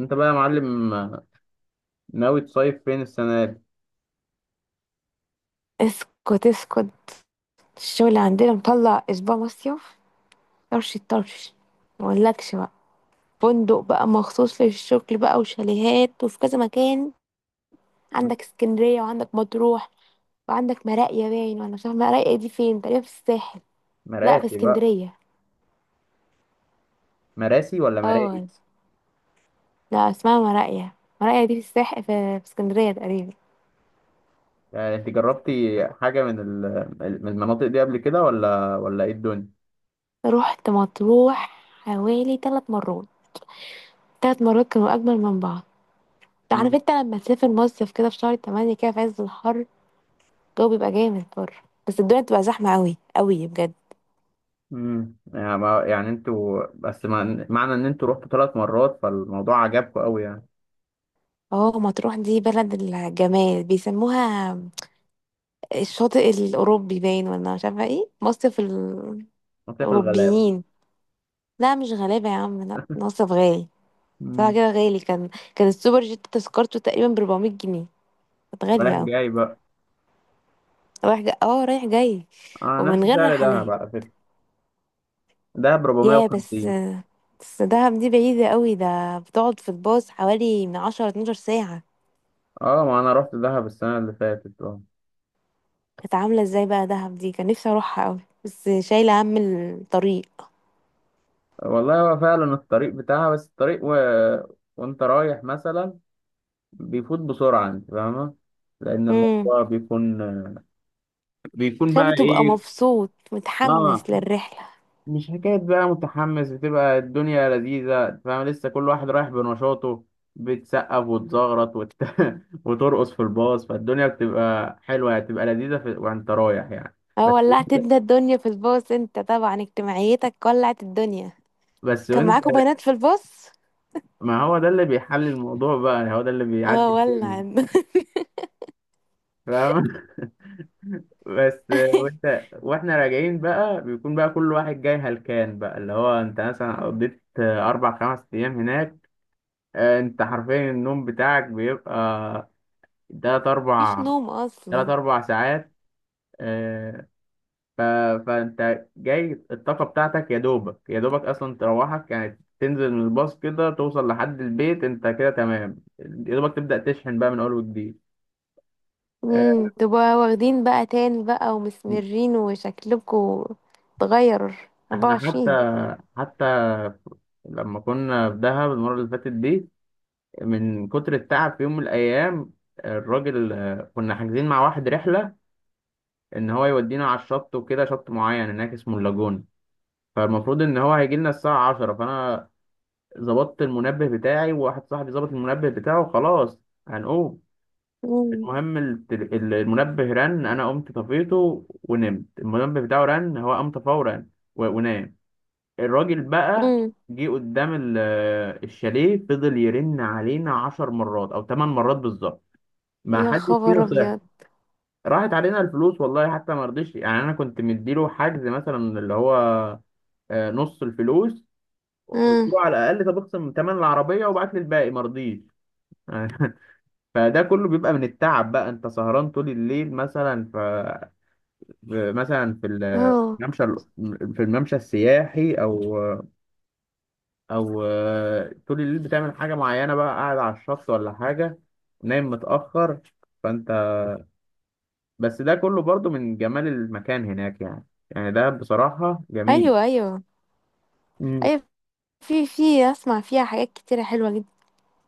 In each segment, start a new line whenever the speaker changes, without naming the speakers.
انت بقى يا معلم ناوي تصيف فين السنة دي؟
اسكت اسكت. الشغل عندنا مطلع اسبوع مصيف. طرش الطرش، ما اقولكش بقى. فندق بقى مخصوص للشغل بقى وشاليهات وفي كذا مكان. عندك اسكندرية وعندك مطروح وعندك مراقية باين، وانا مش عارفة مراقية دي فين، تقريبا في الساحل. لا، في
مراسي بقى.
اسكندرية.
مراسي ولا مرائي؟
اه. لا، اسمها مراقية. مراقية دي في الساحل، في اسكندرية تقريبا.
يعني انت جربتي حاجة من المناطق دي قبل كده ولا ايه الدنيا؟
رحت مطروح حوالي ثلاث مرات. ثلاث مرات كانوا اجمل من بعض. عارف
مم.
انت لما تسافر مصيف كده في شهر تمانية كده في عز الحر، الجو بيبقى جامد بره، بس الدنيا بتبقى زحمة قوي قوي بجد.
مم. يعني انتوا بس معنى ان انتوا رحتوا 3 مرات فالموضوع عجبكم قوي يعني.
اه، مطروح دي بلد الجمال بيسموها. الشاطئ الأوروبي باين ولا مش عارفة ايه،
مصيف الغلابة.
الأوروبيين. لا، مش غلابة يا عم، لا، مصيف غالي. صراحة
مم.
كده غالي كان السوبر جيت تذكرته تقريبا ب 400 جنيه، كانت
رايح
غالية اوي.
جاي بقى.
رايح جاي، اه، رايح جاي.
اه،
ومن
نفس
غير
سعر دهب
رحلات.
على فكرة. دهب
يا بس.
450.
بس دهب دي بعيدة قوي، ده بتقعد في الباص حوالي من 10 12 ساعة.
اه، ما انا رحت دهب السنة اللي فاتت.
كانت عاملة ازاي بقى دهب دي؟ كان نفسي اروحها قوي بس شايلة هم الطريق.
والله هو فعلا الطريق بتاعها، بس الطريق. وانت رايح مثلا بيفوت بسرعة انت فاهمة. لأن
امم
الموضوع بيكون بقى
كان بتبقى
ايه.
مبسوط
اه،
متحمس للرحلة.
مش حكاية بقى متحمس، بتبقى الدنيا لذيذة أنت فاهمة، لسه كل واحد رايح بنشاطه. بتسقف وتزغرط وترقص في الباص فالدنيا بتبقى حلوة يعني، بتبقى لذيذة. وانت رايح يعني.
اه،
بس
ولعت انت الدنيا في الباص، انت طبعا اجتماعيتك ولعت الدنيا.
بس
كان
وانت.
معاكوا بنات في الباص؟
ما هو ده اللي بيحل الموضوع بقى، هو ده اللي بيعدي
اه، ولع.
الدنيا فاهمة. بس، وانت واحنا راجعين بقى بيكون بقى كل واحد جاي هلكان بقى اللي هو انت مثلا قضيت اربع خمس ايام هناك. انت حرفيا النوم بتاعك بيبقى تلات
مفيش
اربع
نوم
تلات
اصلا.
اربع ساعات. آه، ف... فانت جاي الطاقة بتاعتك يا دوبك يا دوبك اصلا تروحك، يعني تنزل من الباص كده توصل لحد البيت انت كده تمام، يا دوبك تبدأ تشحن بقى من اول وجديد. آه،
تبقى واخدين بقى تان بقى ومسمرين، وشكلكوا اتغير
احنا حتى
24.
حتى لما كنا في دهب المرة اللي فاتت دي، من كتر التعب في يوم من الأيام، الراجل كنا حاجزين مع واحد رحلة إن هو يودينا على الشط وكده، شط معين هناك اسمه اللاجون. فالمفروض إن هو هيجي لنا الساعة 10، فأنا ظبطت المنبه بتاعي وواحد صاحبي ظبط المنبه بتاعه. خلاص هنقوم.
امم.
المهم المنبه رن، أنا قمت طفيته ونمت. المنبه بتاعه رن هو قام فورا ونام. الراجل بقى
امم.
جه قدام الشاليه فضل يرن علينا 10 مرات أو 8 مرات بالظبط، ما
يا
حدش
خبر
فينا صح.
ابيض.
راحت علينا الفلوس والله. حتى ما رضيش، يعني انا كنت مديله حجز مثلا اللي هو نص الفلوس. قلت
امم.
له على الاقل طب اخصم ثمن العربيه وبعت لي الباقي، ما رضيش يعني. فده كله بيبقى من التعب بقى، انت سهران طول الليل مثلا مثلا في
اه.
الممشى، في الممشى السياحي او طول الليل بتعمل حاجه معينه بقى، قاعد على الشط ولا حاجه، نايم متاخر. فانت، بس ده كله برضو من جمال المكان هناك يعني. يعني ده بصراحة جميل.
ايوه، ايوه،
امم.
ايوه. في اسمع فيها حاجات كتيرة حلوة جدا.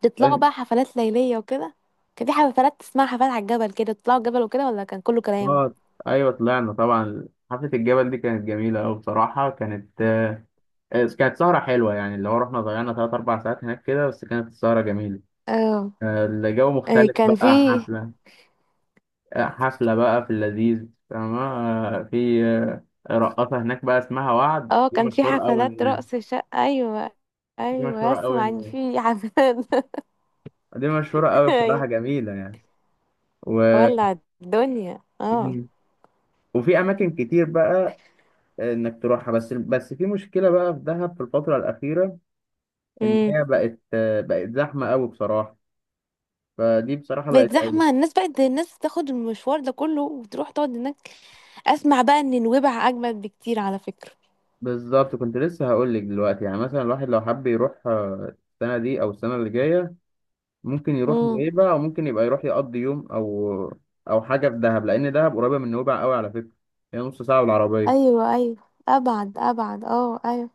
بتطلعوا بقى حفلات ليلية وكده؟ كان في حفلات اسمها حفلات على الجبل كده، تطلعوا الجبل وكده ولا كان كله كلام؟
اه، ايوه طلعنا طبعا حفلة الجبل دي كانت جميلة أوي بصراحة. كانت آه، آه، كانت سهرة حلوة يعني، اللي هو رحنا ضيعنا تلات أربع ساعات هناك كده، بس كانت السهرة جميلة.
اه.
الجو
آه،
مختلف
كان في.
بقى حفلة بقى في اللذيذ فاهمة، في رقاصة هناك بقى اسمها وعد.
اه،
دي
كان في
مشهورة أوي
حفلات
هناك.
رقص شقة. ايوه،
دي
ايوه،
مشهورة أوي
اسمع ان
هناك.
في حفلات.
دي مشهورة أوي
ايوه.
بصراحة، جميلة يعني. و...
ولع الدنيا، اه.
وفي اماكن كتير بقى انك تروحها، بس في مشكله بقى في دهب في الفتره الاخيره، ان
امم.
هي بقت زحمه قوي بصراحه. فدي بصراحه بقت
بقت
عيب.
زحمة، الناس بقت الناس تاخد المشوار ده كله وتروح تقعد هناك. اسمع بقى ان نويبع اجمد بكتير على فكرة.
بالظبط كنت لسه هقول لك دلوقتي، يعني مثلا الواحد لو حب يروح السنه دي او السنه اللي جايه، ممكن يروح
امم.
نويبع او ممكن يبقى يروح يقضي يوم او حاجه في دهب، لان دهب قريبه من نويبع قوي على فكره. هي نص ساعه بالعربيه.
ايوه، ايوه. ابعد، ابعد، اه، ايوه.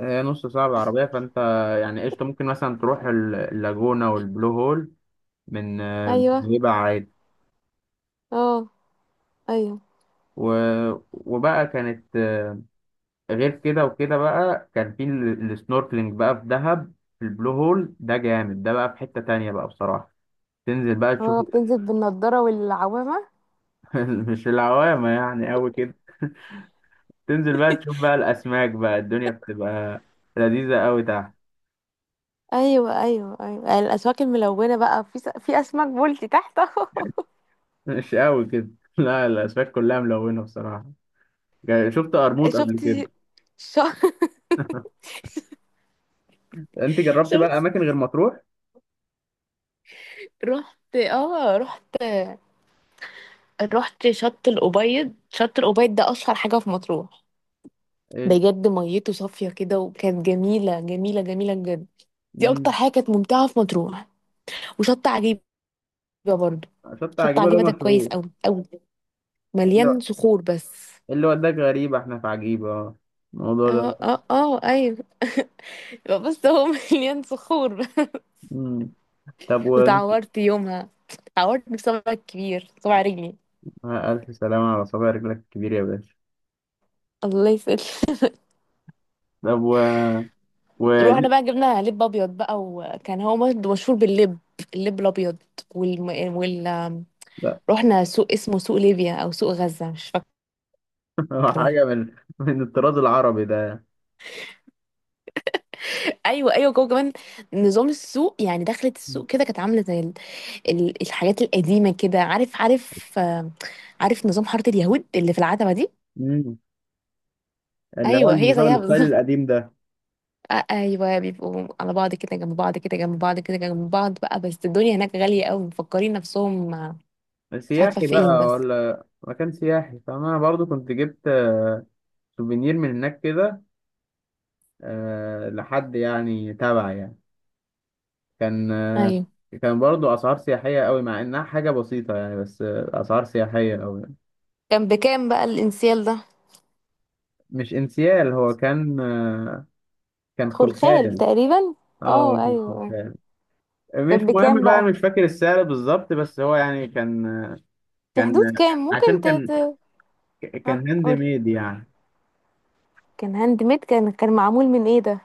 هي نص ساعه بالعربيه، فانت يعني قشطه ممكن مثلا تروح اللاجونه والبلو هول من
ايوه.
نويبع عادي.
اه. ايوه.
و... وبقى كانت غير كده وكده بقى كان في السنوركلينج بقى في دهب. في البلو هول ده جامد. ده بقى في حتة تانية بقى بصراحة، تنزل بقى تشوف.
اه، بتنزل بالنضارة والعوامة.
مش العوامة يعني أوي كده. تنزل بقى تشوف بقى الأسماك، بقى الدنيا بتبقى لذيذة أوي تحت.
ايوه، ايوه، ايوه، الاسماك الملونه بقى، في اسماك بولتي تحت اهو.
مش أوي كده. لا، الأسماك كلها ملونة بصراحة. شفت قرموط
شفت.
قبل كده؟
ش...
أنت جربت بقى
شفت.
الأماكن غير مطروح؟
رحت، اه، رحت. رحت شط الأبيض. شط الأبيض ده اشهر حاجه في مطروح.
إيه؟
بجد ميته صافيه كده، وكانت جميله جميله جميله بجد. دي اكتر
مم.
حاجه كانت ممتعه في مطروح. وشط عجيبه برضو.
شط
شط
عجيبة ده
عجيبه ده كويس
مشهور.
قوي قوي.
إيه
مليان
اللي
صخور بس.
إيه اللي وداك؟ غريبة، احنا في عجيبة الموضوع ده.
اه، اه، اه، ايوه. يبقى بس هو مليان صخور.
مم. طب وانت.
وتعورت يومها. تعورت بصبعي الكبير، صبع رجلي.
ألف سلامة على صابع رجلك الكبير يا باشا.
الله يسهل.
طب و...
رحنا بقى جبنا لب ابيض بقى، وكان هو مشهور باللب. اللب الابيض. والم... وال
لا.
رحنا سوق اسمه سوق ليبيا او سوق غزة، مش فاكرة.
حاجة من الطراز العربي ده.
ايوه، ايوه، جوه كمان. نظام السوق يعني، دخلت السوق كده كانت عامله زي الحاجات القديمه كده. عارف، عارف، آه، عارف نظام حاره اليهود اللي في العتبه دي.
مم. اللي هو
ايوه، هي
النظام
زيها
الستايل
بالظبط.
القديم ده.
آه، ايوه، بيبقوا على بعض كده، جنب بعض كده، جنب بعض كده، جنب بعض بقى، بس الدنيا هناك غالية قوي، مفكرين نفسهم آه، مش عارفة
سياحي
فين
بقى
بس.
ولا مكان سياحي، فأنا برضو كنت جبت سوفينير من هناك كده، لحد يعني تبع يعني. كان آه،
ايوه.
كان برضو أسعار سياحية قوي مع إنها حاجة بسيطة يعني، بس أسعار سياحية قوي.
كان بكام بقى الانسيال ده؟
مش انسيال، هو كان
خلخال
خلخال.
تقريبا.
اه،
اه،
كان
ايوه، آه.
شغال. مش
كان
مهم
بكام
بقى،
بقى؟
انا مش فاكر السعر بالظبط، بس هو يعني كان.
في
كان
حدود كام ممكن
عشان كان
ها
كان هاند
قول؟
ميد يعني.
كان هاند ميد؟ كان معمول من ايه ده؟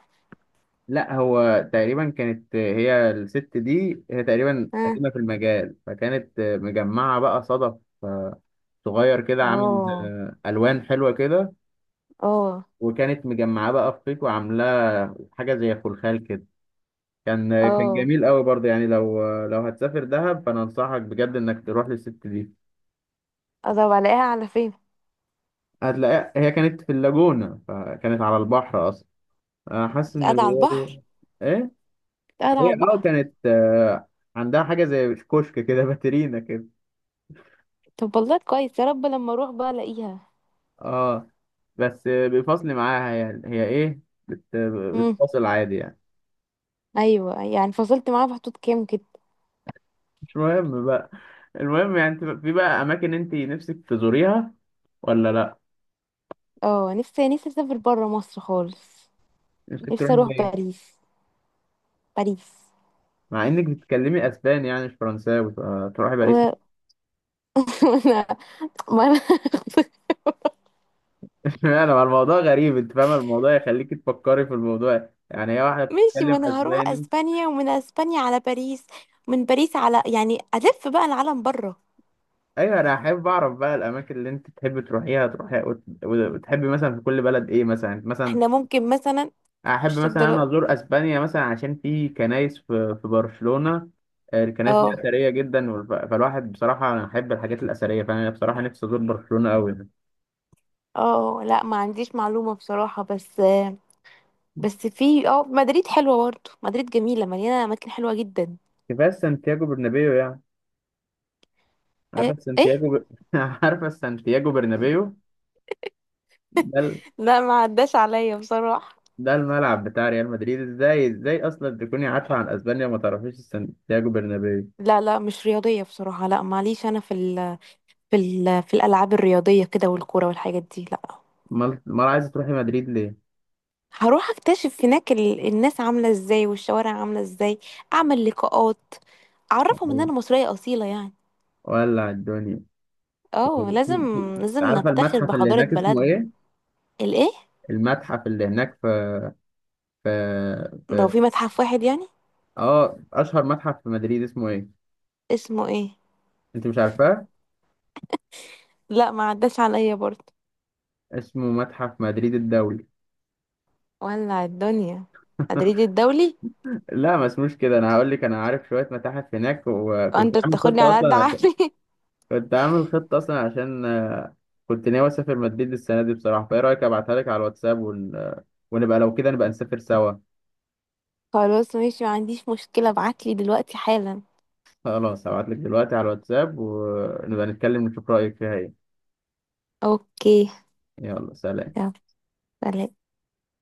لا، هو تقريبا كانت هي الست دي، هي تقريبا
ها.
قديمة في المجال، فكانت مجمعة بقى صدف آه، صغير كده، عامل
اه.
ألوان حلوة كده،
اه.
وكانت مجمعاه بقى في خيط وعاملاه حاجة زي خلخال كده. كان
اه.
جميل قوي برضه يعني، لو هتسافر دهب فأنا أنصحك بجد إنك تروح للست دي.
طب الاقيها على فين؟
هتلاقيها، هي كانت في اللاجونة فكانت على البحر أصلا. أنا حاسس إن
قاعدة على
الرياضة دي
البحر؟
إيه؟
قاعدة
هي
على البحر.
كانت عندها حاجة زي كشك كده. باترينا كده.
طب، والله كويس، يا رب لما اروح بقى الاقيها.
أه، بس بيفصل معاها يعني، هي إيه؟ بت... بتفصل عادي يعني.
ايوه، يعني فصلت معاه في حدود كام كده؟
مش مهم بقى. المهم يعني أنت في بقى أماكن أنت نفسك تزوريها ولا لأ؟
اه، نفسي اسافر بره مصر خالص.
نفسك
نفسي
تروحي
اروح
فين؟
باريس. باريس.
مع إنك بتتكلمي أسباني يعني مش فرنساوي، فتروحي باريس؟
و... وانا ما انا.
انا الموضوع غريب انت فاهم، الموضوع يخليك تفكري في الموضوع، يعني هي واحده
ماشي، ما
بتتكلم
انا هروح
اسباني.
اسبانيا، ومن اسبانيا على باريس، من باريس على يعني الف بقى العالم بره.
ايوه، انا احب اعرف بقى الاماكن اللي انت تحب تروحيها تروحيها، وتحبي مثلا في كل بلد ايه مثلا.
احنا ممكن مثلا
احب
مش
مثلا انا
الدرا.
ازور اسبانيا، مثلا عشان في كنايس في برشلونه. الكنايس دي
اه،
اثريه جدا، فالواحد بصراحه انا احب الحاجات الاثريه، فانا بصراحه نفسي ازور برشلونه قوي.
اه، لا، ما عنديش معلومة بصراحة، بس في مدريد حلوة برضه، مدريد جميلة مليانة اماكن حلوة جدا.
كفايه سانتياغو برنابيو يعني. عارفه
ايه؟ ايه؟
سانتياغو ب... عارفه سانتياغو برنابيو ده.
لا، ما عداش عليا بصراحة.
ده الملعب بتاع ريال مدريد. ازاي ازاي اصلا تكوني عارفه عن اسبانيا وما تعرفيش سانتياغو برنابيو؟
لا، لا، مش رياضية بصراحة، لا معليش، أنا في الألعاب الرياضية كده والكورة والحاجات دي لا.
امال عايزه تروحي مدريد ليه؟
هروح أكتشف هناك الناس عاملة إزاي والشوارع عاملة إزاي. أعمل لقاءات، أعرفهم إن
يعني
أنا مصرية أصيلة يعني.
ولع الدنيا
اه، لازم.
انت.
لازم
عارفه
نفتخر
المتحف اللي
بحضارة
هناك اسمه
بلدنا.
ايه؟
الإيه؟
المتحف اللي هناك في في
لو
في
في متحف واحد يعني.
اه اشهر متحف في مدريد اسمه ايه؟
اسمه إيه؟
انت مش عارفاه.
لا، ما عداش عليا برضه.
اسمه متحف مدريد الدولي.
ولع الدنيا. مدريد الدولي.
لا، ما اسموش كده، انا هقول لك، انا عارف شويه متاحف هناك وكنت
وأنت
عامل
بتاخدني
خطه
على قد
اصلا.
عقلي.
كنت عامل خطة أصلا عشان كنت ناوي أسافر مدريد السنة دي بصراحة، فإيه رأيك أبعتها لك على الواتساب ون... آه، ونبقى لو كده نبقى نسافر سوا.
خلاص ماشي، ما عنديش مشكلة، ابعتلي دلوقتي حالا.
خلاص هبعت لك دلوقتي على الواتساب، ونبقى نتكلم نشوف رأيك فيها إيه.
اوكي.
يلا سلام.
يلا سلام.